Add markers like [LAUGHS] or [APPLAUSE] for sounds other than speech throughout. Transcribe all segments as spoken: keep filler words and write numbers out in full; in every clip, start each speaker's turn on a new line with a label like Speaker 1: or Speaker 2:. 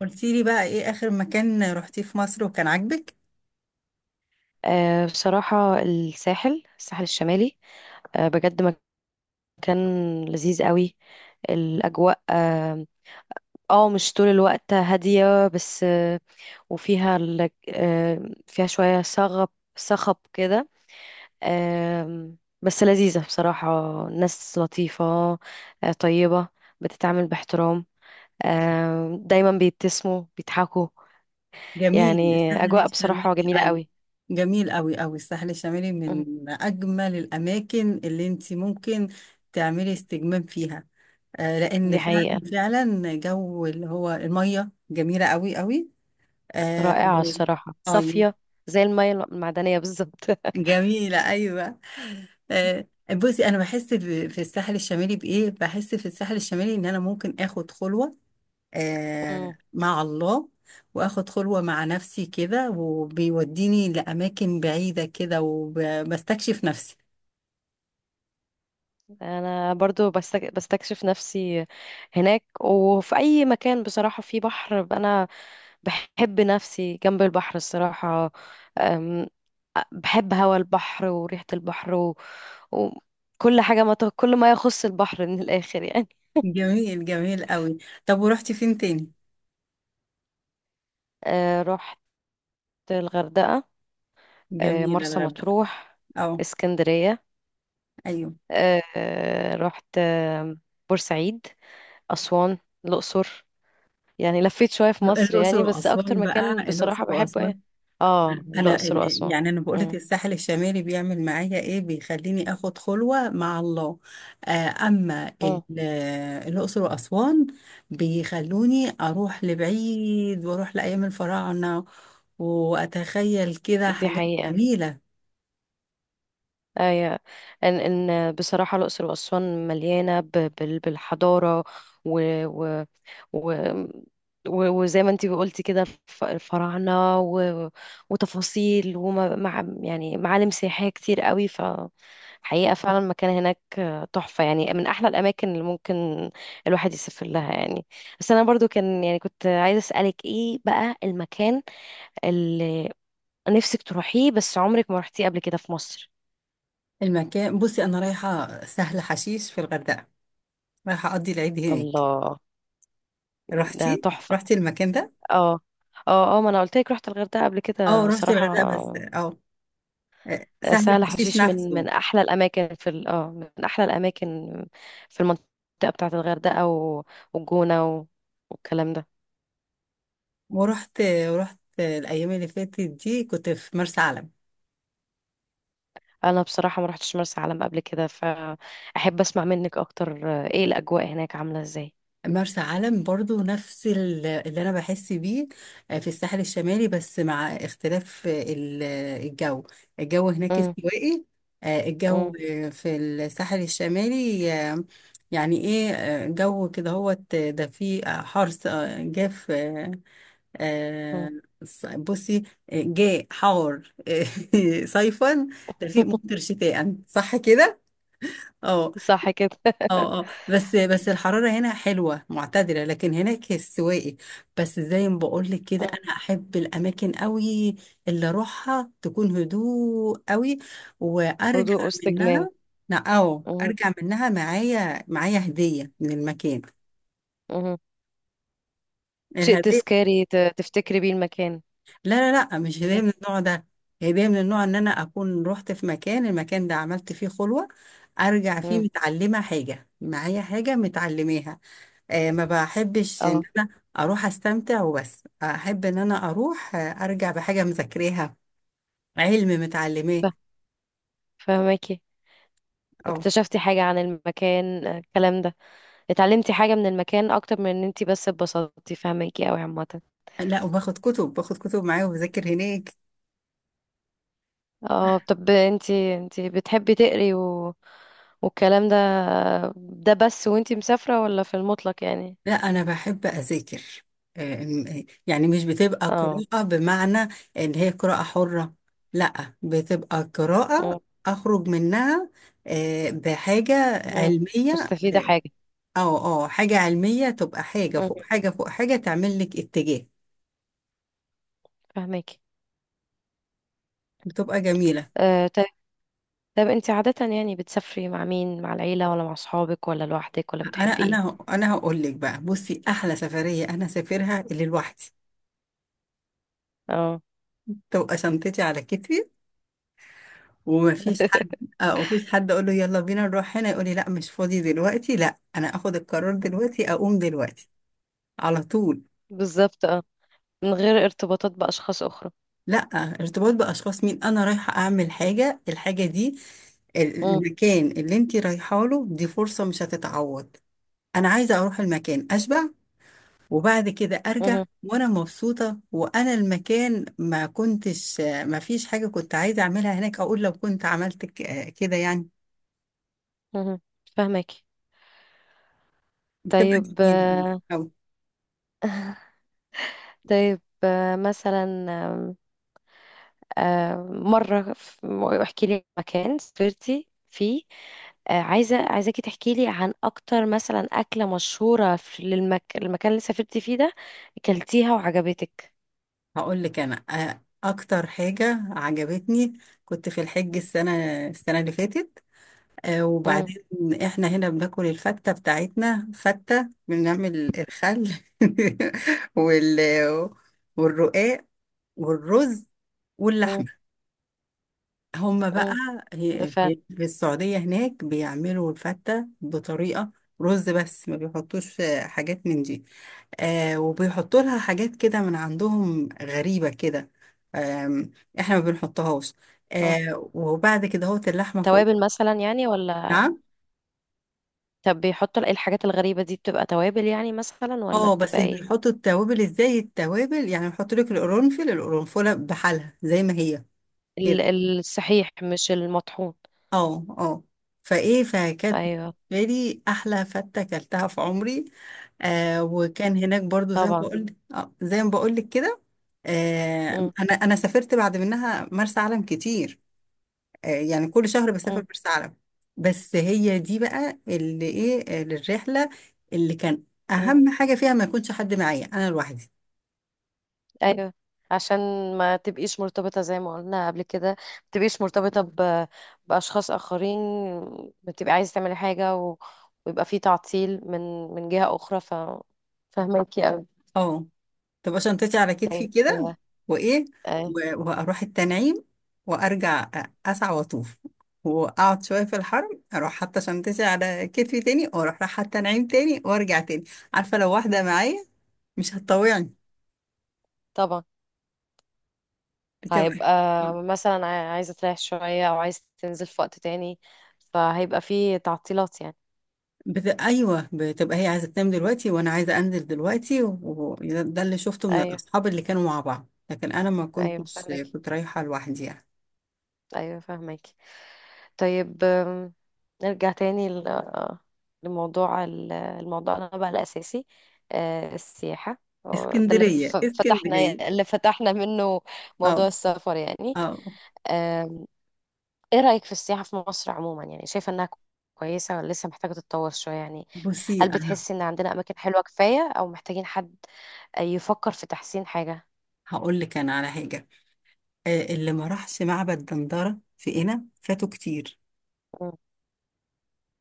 Speaker 1: قلتي لي بقى ايه اخر مكان رحتيه في مصر وكان عاجبك.
Speaker 2: آه، بصراحة الساحل الساحل الشمالي. آه، بجد مكان لذيذ قوي. الأجواء اه آه، مش طول الوقت هادية بس آه، وفيها ال- آه، فيها شوية صغب صخب كده. آم، بس لذيذة بصراحة. ناس لطيفة آه، طيبة بتتعامل باحترام. آم، دايما بيبتسموا بيضحكوا
Speaker 1: جميل
Speaker 2: يعني
Speaker 1: الساحل
Speaker 2: أجواء
Speaker 1: الشمالي،
Speaker 2: بصراحة جميلة
Speaker 1: ايوه.
Speaker 2: قوي.
Speaker 1: جميل قوي قوي الساحل الشمالي
Speaker 2: مم،
Speaker 1: من اجمل الاماكن اللي انت ممكن تعملي استجمام فيها. آه لان
Speaker 2: دي
Speaker 1: فعلا
Speaker 2: حقيقة.
Speaker 1: فعلا جو اللي هو الميه جميله قوي قوي. اه
Speaker 2: رائعة
Speaker 1: وال-
Speaker 2: الصراحة
Speaker 1: أيوة،
Speaker 2: صافية. زي المية المعدنية بالظبط. [LAUGHS]
Speaker 1: جميله ايوه. آه بصي انا بحس ب- في الساحل الشمالي بايه، بحس في الساحل الشمالي ان انا ممكن اخد خلوه، آه،
Speaker 2: مم.
Speaker 1: مع الله. واخد خلوة مع نفسي كده وبيوديني لأماكن بعيدة كده وبستكشف نفسي.
Speaker 2: أنا برضو بستك... بستكشف نفسي هناك وفي أي مكان بصراحة فيه بحر. أنا بحب نفسي جنب البحر الصراحة. أم، بحب هوا البحر وريحة البحر و... وكل حاجة ما ت... كل ما يخص البحر من الآخر يعني.
Speaker 1: [LAUGHS] جميل جميل قوي. طب ورحتي فين تاني؟
Speaker 2: أه رحت الغردقة أه
Speaker 1: جميل
Speaker 2: مرسى
Speaker 1: الغردقة.
Speaker 2: مطروح،
Speaker 1: اه.
Speaker 2: اسكندرية
Speaker 1: ايوه.
Speaker 2: أه آه، رحت آه، بورسعيد، أسوان، الأقصر. يعني لفيت شوية في مصر
Speaker 1: الأقصر
Speaker 2: يعني، بس أكتر
Speaker 1: وأسوان بقى،
Speaker 2: مكان
Speaker 1: الأقصر
Speaker 2: بصراحة بحبه يعني.
Speaker 1: وأسوان.
Speaker 2: اه
Speaker 1: انا
Speaker 2: الأقصر
Speaker 1: ال-
Speaker 2: وأسوان.
Speaker 1: يعني انا بقولك
Speaker 2: مم.
Speaker 1: الساحل الشمالي بيعمل معايا ايه؟ بيخليني اخد خلوة مع الله. آه، اما ال-
Speaker 2: مم.
Speaker 1: آه، الاقصر واسوان بيخلوني اروح لبعيد واروح لايام الفراعنة واتخيل كده
Speaker 2: دي
Speaker 1: حاجات
Speaker 2: حقيقة.
Speaker 1: جميلة.
Speaker 2: أي، إن إن بصراحة الأقصر وأسوان مليانة ب- بال- بالحضارة و و و و- وزي ما انتي قلتي كده الف- الفراعنة و... وتفاصيل ومع يعني معالم سياحية كتير قوي. فحقيقة فعلا المكان هناك تحفة يعني، من أحلى الأماكن اللي ممكن الواحد يسافر لها يعني. بس أنا برضو كان يعني كنت عايزة أسألك إيه بقى المكان اللي نفسك تروحيه بس عمرك ما رحتيه قبل كده في مصر؟
Speaker 1: المكان، بصي انا رايحة سهل حشيش في الغردقة، رايحة اقضي العيد هناك.
Speaker 2: الله. ده
Speaker 1: رحتي
Speaker 2: تحفة.
Speaker 1: رحتي المكان ده؟
Speaker 2: اه، اه، اه، ما انا قلت لك رحت الغردقة قبل
Speaker 1: اه
Speaker 2: كده
Speaker 1: رحت
Speaker 2: صراحة.
Speaker 1: الغردقة بس اه، آه،
Speaker 2: آه،
Speaker 1: سهل
Speaker 2: سهل
Speaker 1: حشيش
Speaker 2: حشيش من
Speaker 1: نفسه.
Speaker 2: من احلى الاماكن في ال- اه من احلى الاماكن في المنطقة بتاعة الغردقة و- والجونة و- والكلام ده.
Speaker 1: ورحت ورحت الايام اللي فاتت دي كنت في مرسى علم.
Speaker 2: انا بصراحة ما رحتش مرسى علم قبل كده، فاحب اسمع منك اكتر آه، ايه الاجواء هناك عاملة ازاي؟
Speaker 1: مرسى علم برضو نفس ال- اللي انا بحس بيه، آه، في الساحل الشمالي بس مع اختلاف ال- الجو. الجو هناك
Speaker 2: مم،
Speaker 1: استوائي. آه، الجو
Speaker 2: مم،
Speaker 1: في الساحل الشمالي، آه، يعني ايه، آه، جو كده هو ده فيه حرس، آه، جاف، آه، آه،
Speaker 2: مم.
Speaker 1: بصي، آه، جاء حار [LAUGHS] صيفا، دفيق
Speaker 2: [LAUGHS]
Speaker 1: ممطر شتاء، صح كده؟ اه
Speaker 2: صح كده.
Speaker 1: اه اه بس بس الحرارة هنا حلوة معتدلة لكن هناك السواقي. بس زي ما بقول لك كده،
Speaker 2: مم.
Speaker 1: انا احب الاماكن قوي اللي اروحها تكون هدوء قوي وارجع
Speaker 2: هدوء واستجمام.
Speaker 1: منها. لا، او
Speaker 2: مم،
Speaker 1: ارجع منها معايا، معايا هدية من المكان.
Speaker 2: مم. شيء
Speaker 1: الهدية،
Speaker 2: تذكاري ت- تفتكري بيه المكان.
Speaker 1: لا لا لا مش هدية
Speaker 2: مم،
Speaker 1: من النوع ده. هدية من النوع ان انا اكون رحت في مكان، المكان ده عملت فيه خلوة، ارجع فيه
Speaker 2: مم.
Speaker 1: متعلمة حاجة، معايا حاجة متعلماها. آه، ما بحبش ان
Speaker 2: اه،
Speaker 1: انا اروح استمتع وبس، احب ان انا اروح، آه، ارجع بحاجه مذاكراها، علم متعلماه.
Speaker 2: فهماكي.
Speaker 1: او
Speaker 2: اكتشفتي حاجة عن المكان آه، الكلام ده، اتعلمتي حاجة من المكان اكتر من ان انتي بس اتبسطتي. فهماكي اوي عامة.
Speaker 1: لا، وباخد كتب، باخد كتب معايا وبذاكر هناك.
Speaker 2: اه طب انتي انتي بتحبي تقري و... والكلام ده، ده بس وانتي مسافرة ولا في المطلق يعني؟
Speaker 1: لا انا بحب اذاكر. آه، م- يعني مش بتبقى
Speaker 2: اه.
Speaker 1: قراءه بمعنى ان هي قراءه حره، لا بتبقى
Speaker 2: مم،
Speaker 1: قراءه اخرج منها آه، بحاجه
Speaker 2: مم.
Speaker 1: علميه.
Speaker 2: مستفيدة حاجة.
Speaker 1: اه اه حاجه علميه تبقى حاجه
Speaker 2: مم،
Speaker 1: فوق حاجه فوق حاجه، تعمل لك اتجاه،
Speaker 2: فهماكي.
Speaker 1: بتبقى جميله.
Speaker 2: آه طب، طب انتي عادة يعني بتسافري مع مين، مع العيلة ولا مع صحابك ولا لوحدك، ولا
Speaker 1: انا
Speaker 2: بتحبي ايه؟
Speaker 1: انا انا هقول لك بقى، بصي احلى سفريه انا سافرها اللي لوحدي،
Speaker 2: اه.
Speaker 1: تبقى شنطتي على كتفي ومفيش حد.
Speaker 2: [LAUGHS]
Speaker 1: اه مفيش حد اقول له يلا بينا نروح هنا يقول لي لا مش فاضي دلوقتي. لا، انا اخد القرار دلوقتي اقوم دلوقتي على طول.
Speaker 2: بالظبط، اه، من غير ارتباطات بأشخاص أخرى.
Speaker 1: لا، ارتباط باشخاص مين، انا رايحه اعمل حاجه، الحاجه دي، ال- المكان اللي انت رايحه له دي فرصه مش هتتعوض. انا عايزه اروح المكان اشبع وبعد كده ارجع
Speaker 2: مهم.
Speaker 1: وانا مبسوطه، وانا المكان ما كنتش ما فيش حاجه كنت عايزه اعملها هناك، اقول لو كنت عملت ك- كده يعني.
Speaker 2: مهم. فاهمك.
Speaker 1: بتبقى
Speaker 2: طيب
Speaker 1: جميله
Speaker 2: آه،
Speaker 1: أوي.
Speaker 2: طيب آه، مثلا آم، آه، مرة ف- احكي لي مكان سافرتي فيه. آه، عايزة عايزاكي تحكي لي عن أكتر مثلا أكلة مشهورة في للمك... المكان اللي سافرتي فيه ده أكلتيها وعجبتك.
Speaker 1: هقول لك انا، آه، اكتر حاجه عجبتني، كنت في الحج السنه، السنه اللي فاتت، آه،
Speaker 2: مم.
Speaker 1: وبعدين احنا هنا بناكل الفته بتاعتنا، فته بنعمل الخل [LAUGHS] وال والرقاق والرز
Speaker 2: مم.
Speaker 1: واللحمه، هما بقى
Speaker 2: مم. ده
Speaker 1: هي-
Speaker 2: فعلا.
Speaker 1: في في السعودية هناك بيعملوا الفتة بطريقة، رز بس ما بيحطوش آه، حاجات من دي، آه وبيحطوا لها حاجات كده من عندهم غريبة كده. آم، احنا ما بنحطهاش.
Speaker 2: اه
Speaker 1: آه وبعد كده هوت اللحمة فوق.
Speaker 2: توابل مثلا يعني ولا؟
Speaker 1: نعم.
Speaker 2: طب بيحطوا إيه الحاجات الغريبة دي، بتبقى توابل يعني مثلا ولا
Speaker 1: اه بس
Speaker 2: بتبقى ايه؟
Speaker 1: بيحطوا التوابل ازاي، التوابل يعني بيحطوا لك القرنفل، القرنفلة بحالها زي ما هي كده.
Speaker 2: ال- الصحيح مش المطحون.
Speaker 1: اه اه. فايه فكانت
Speaker 2: أيوه.
Speaker 1: بالنسبة لي احلى فتة اكلتها في عمري. آه وكان هناك برضو زي ما
Speaker 2: طبعا.
Speaker 1: بقول، آه زي ما بقول لك كده، آه
Speaker 2: مم.
Speaker 1: انا انا سافرت بعد منها مرسى علم كتير. آه يعني كل شهر
Speaker 2: مم.
Speaker 1: بسافر مرسى علم. بس هي دي بقى اللي ايه، آه، للرحله اللي كان
Speaker 2: مم.
Speaker 1: اهم حاجه فيها ما يكونش حد معايا، انا لوحدي.
Speaker 2: ايوه، عشان ما تبقيش مرتبطة زي ما قلنا قبل كده، ما تبقيش مرتبطة ب... بأشخاص آخرين. بتبقي عايزة تعملي حاجة و... ويبقى في تعطيل من من جهة أخرى. ف فهماكي أوي.
Speaker 1: اه، تبقى شنطتي على كتفي
Speaker 2: طيب
Speaker 1: كده. وايه،
Speaker 2: آه،
Speaker 1: و- واروح التنعيم وارجع أ- اسعى واطوف واقعد شويه في الحرم، اروح حاطه شنطتي على كتفي تاني واروح رايحه التنعيم تاني وارجع تاني. عارفه لو واحده معايا مش هتطوعني.
Speaker 2: طبعا.
Speaker 1: بتبقى،
Speaker 2: هيبقى مثلا عاي- عايزة تريح شوية أو عايزة تنزل في وقت تاني، فهيبقى في تعطيلات يعني.
Speaker 1: بت... ايوه بتبقى هي عايزه تنام دلوقتي وانا عايزه انزل دلوقتي، وده ده اللي شفته من
Speaker 2: أيوه،
Speaker 1: الاصحاب اللي كانوا مع بعض، لكن انا ما
Speaker 2: أيوه
Speaker 1: كنتش،
Speaker 2: فهماكي،
Speaker 1: كنت رايحه لوحدي يعني.
Speaker 2: أيوه فهماكي. طيب آم، نرجع تاني ل- آه، لموضوع ال- الموضوعنا بقى الأساسي آه، السياحة. هو ده اللي ف-
Speaker 1: اسكندريه
Speaker 2: فتحنا
Speaker 1: اسكندريه.
Speaker 2: اللي فتحنا منه
Speaker 1: اه
Speaker 2: موضوع السفر يعني.
Speaker 1: اه
Speaker 2: آم، ايه رأيك في السياحة في مصر عموما؟ يعني شايفة انها كويسة ولا لسه محتاجة تتطور شوية يعني؟
Speaker 1: بصي
Speaker 2: هل بتحسي ان عندنا أماكن حلوة كفاية أو محتاجين حد يفكر في تحسين حاجة؟
Speaker 1: هقول لك انا على حاجه، آه، اللي ما راحش معبد دندره في قنا فاتوا كتير.
Speaker 2: مم،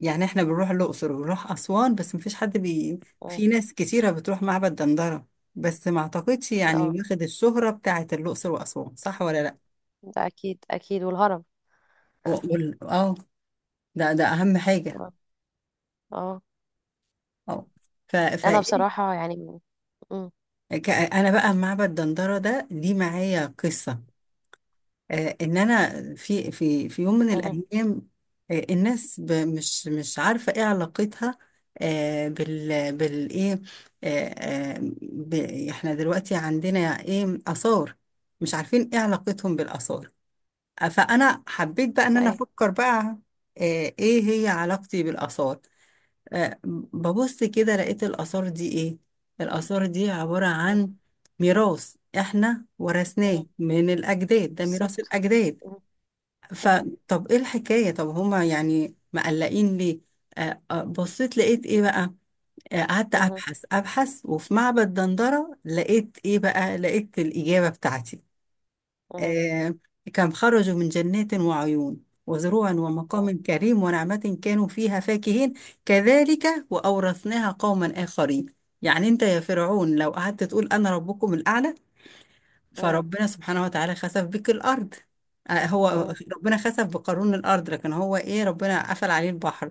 Speaker 1: يعني احنا بنروح الاقصر وبنروح اسوان بس مفيش حد بي،
Speaker 2: مم،
Speaker 1: في ناس كتيره بتروح معبد دندره بس ما اعتقدش يعني
Speaker 2: اه،
Speaker 1: واخد الشهره بتاعه الاقصر واسوان، صح ولا لا؟
Speaker 2: ده أكيد أكيد، والهرم. [LAUGHS]
Speaker 1: وأقول- اه ده ده اهم حاجه.
Speaker 2: اه. آه.
Speaker 1: اه. ف ف
Speaker 2: انا
Speaker 1: إيه؟
Speaker 2: بصراحة يعني، مم،
Speaker 1: ك- انا بقى معبد دندره ده دي معايا قصه، آه، ان انا في في في يوم من
Speaker 2: مم.
Speaker 1: الايام، آه، الناس ب- مش مش عارفه ايه علاقتها، آه، بال بالايه، آه، آه، ب- احنا دلوقتي عندنا ايه اثار، مش عارفين ايه علاقتهم بالاثار. آه، فانا حبيت بقى ان انا
Speaker 2: اي،
Speaker 1: افكر بقى آه، ايه هي علاقتي بالاثار. آه، ببص كده لقيت الاثار دي ايه، الاثار دي عباره عن ميراث احنا ورثناه من الاجداد، ده ميراث
Speaker 2: بالظبط.
Speaker 1: الاجداد.
Speaker 2: مم. مم.
Speaker 1: فطب ايه الحكاية، طب هما يعني مقلقين ليه؟ آه، آه، بصيت لقيت ايه بقى، آه، قعدت
Speaker 2: مم.
Speaker 1: ابحث ابحث وفي معبد دندرة لقيت ايه بقى، لقيت الإجابة بتاعتي.
Speaker 2: مم.
Speaker 1: آه، كم خرجوا من جنات وعيون وزروع ومقام كريم ونعمة كانوا فيها فاكهين، كذلك وأورثناها قوما آخرين. يعني انت يا فرعون لو قعدت تقول انا ربكم الأعلى،
Speaker 2: مم.
Speaker 1: فربنا سبحانه وتعالى خسف بك الأرض. آه، هو
Speaker 2: مم.
Speaker 1: ربنا خسف بقارون الأرض، لكن هو إيه، ربنا قفل عليه البحر.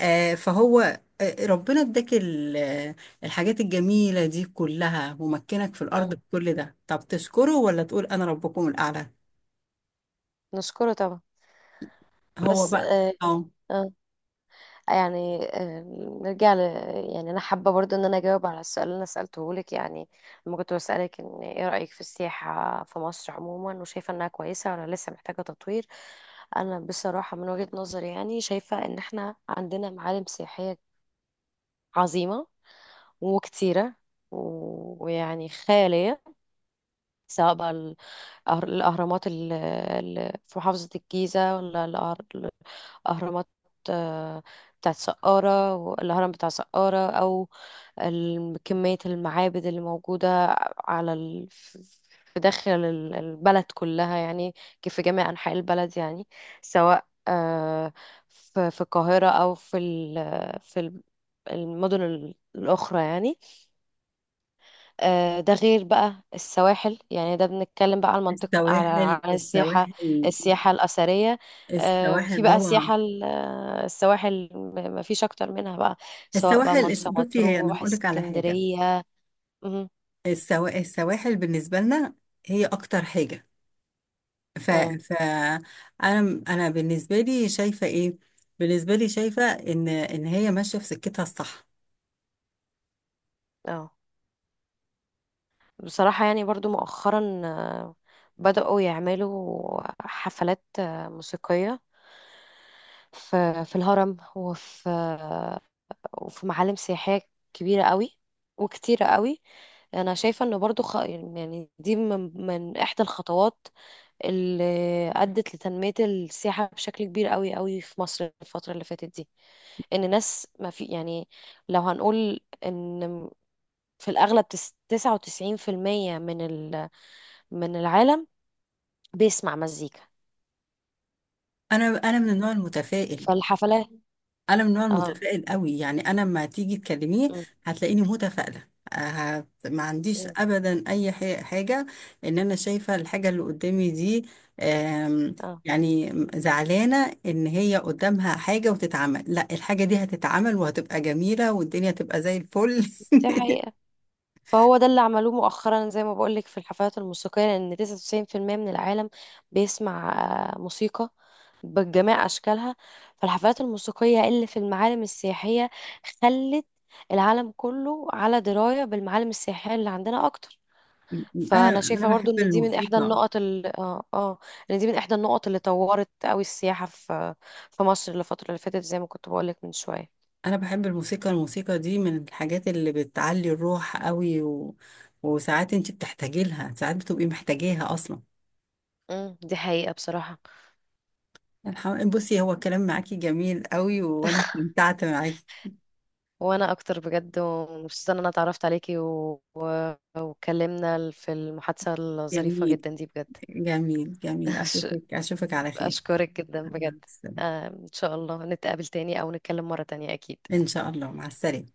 Speaker 1: آه، فهو آه، ربنا اداك ال- آه، الحاجات الجميلة دي كلها ومكنك في الأرض
Speaker 2: مم.
Speaker 1: بكل ده، طب تشكره ولا تقول أنا ربكم الأعلى؟
Speaker 2: نشكره طبعا.
Speaker 1: هو
Speaker 2: بس
Speaker 1: بقى
Speaker 2: آه
Speaker 1: اه.
Speaker 2: آه يعني آه نرجع ل يعني انا حابه برضو ان انا اجاوب على السؤال اللي انا سالته لك يعني. لما كنت بسالك ان ايه رايك في السياحه في مصر عموما، وشايفه انها كويسه ولا لسه محتاجه تطوير؟ انا بصراحه من وجهه نظري يعني شايفه ان احنا عندنا معالم سياحيه عظيمه وكتيره و- ويعني خياليه، سواء بقى أهر- الأهرامات اللي في محافظة الجيزة ولا الأهر- الأهرامات آه، بتاعت سقارة والهرم بتاع سقارة، أو ال- كمية المعابد اللي موجودة على ال... في داخل ال- البلد كلها يعني، كيف في جميع أنحاء البلد يعني. سواء آه، في في القاهرة أو في ال... في ال- المدن الأخرى يعني. آه، ده غير بقى السواحل يعني، ده بنتكلم بقى على المنطق، على
Speaker 1: السواحل
Speaker 2: على السياحة
Speaker 1: السواحل.
Speaker 2: السياحة الأثرية. آه،
Speaker 1: السواحل
Speaker 2: في بقى
Speaker 1: روعة.
Speaker 2: السياحة ال- آه، السواحل، م- مفيش أكتر منها بقى، سواء بقى
Speaker 1: السواحل الس-
Speaker 2: مرسى
Speaker 1: بصي هي أنا
Speaker 2: مطروح،
Speaker 1: هقول لك على حاجة،
Speaker 2: اسكندرية. مهم.
Speaker 1: السوا- السواحل بالنسبة لنا هي أكتر حاجة. ف
Speaker 2: مم.
Speaker 1: ف انا انا بالنسبه لي شايفه ايه، بالنسبه لي شايفه ان ان هي ماشيه في سكتها الصح.
Speaker 2: اه بصراحة يعني برضو مؤخرا آه، بدأوا يعملوا حفلات آه، موسيقية في في الهرم، وفي آه، وفي معالم سياحية كبيرة قوي وكتيرة قوي. انا شايفة ان برضو خ... يعني دي من... من احدى الخطوات اللي ادت لتنمية السياحة بشكل كبير قوي قوي في مصر الفترة اللي فاتت دي. ان ناس ما في يعني، لو هنقول ان في الاغلب تس- تسعة وتسعين في المية من ال... من العالم بيسمع مزيكا.
Speaker 1: انا انا من النوع المتفائل،
Speaker 2: فالحفلات
Speaker 1: انا من النوع
Speaker 2: اه
Speaker 1: المتفائل قوي، يعني انا لما تيجي تكلميه
Speaker 2: م-
Speaker 1: هتلاقيني متفائله. هت- ما عنديش
Speaker 2: م-
Speaker 1: ابدا اي ح- حاجه ان انا شايفه الحاجه اللي قدامي دي. آم،
Speaker 2: اه
Speaker 1: يعني زعلانه ان هي قدامها حاجه وتتعمل، لا الحاجه دي هتتعمل وهتبقى جميله والدنيا تبقى زي الفل.
Speaker 2: دي
Speaker 1: [LAUGHS]
Speaker 2: حقيقة. فهو ده اللي عملوه مؤخرا زي ما بقولك في الحفلات الموسيقية، لأن تسعة وتسعين بالمية من العالم بيسمع آه، موسيقى بجميع أشكالها. فالحفلات الموسيقية اللي في المعالم السياحية خلت العالم كله على دراية بالمعالم السياحية اللي عندنا أكتر. فأنا
Speaker 1: انا انا
Speaker 2: شايفة
Speaker 1: بحب
Speaker 2: برضو إن دي من إحدى
Speaker 1: الموسيقى.
Speaker 2: النقط اللي آه آه إن دي من إحدى النقط اللي طورت أوي السياحة في في مصر الفترة اللي فاتت، زي ما كنت بقولك من شوية.
Speaker 1: انا بحب الموسيقى، الموسيقى دي من الحاجات اللي بتعلي الروح قوي، و... وساعات انت بتحتاجي لها، ساعات بتبقي محتاجاها اصلا.
Speaker 2: مم، دي حقيقة بصراحة.
Speaker 1: الحم... بصي هو الكلام معاكي جميل قوي وانا استمتعت معاكي.
Speaker 2: وانا اكتر بجد، ومبسوطه ان انا اتعرفت عليكي و... و... واتكلمنا في المحادثه الظريفه
Speaker 1: جميل
Speaker 2: جدا دي بجد.
Speaker 1: جميل
Speaker 2: [LAUGHS]
Speaker 1: جميل
Speaker 2: أش-
Speaker 1: اشوفك اشوفك على خير.
Speaker 2: اشكرك جدا
Speaker 1: مع
Speaker 2: بجد.
Speaker 1: السلامة.
Speaker 2: آه، ان شاء الله نتقابل تاني او نتكلم مره تانية اكيد.
Speaker 1: ان شاء الله مع السلامة.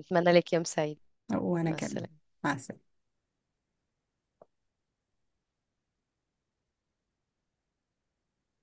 Speaker 2: اتمنى لك يوم سعيد.
Speaker 1: وانا
Speaker 2: مع
Speaker 1: كمان.
Speaker 2: السلامه.
Speaker 1: مع السلامة.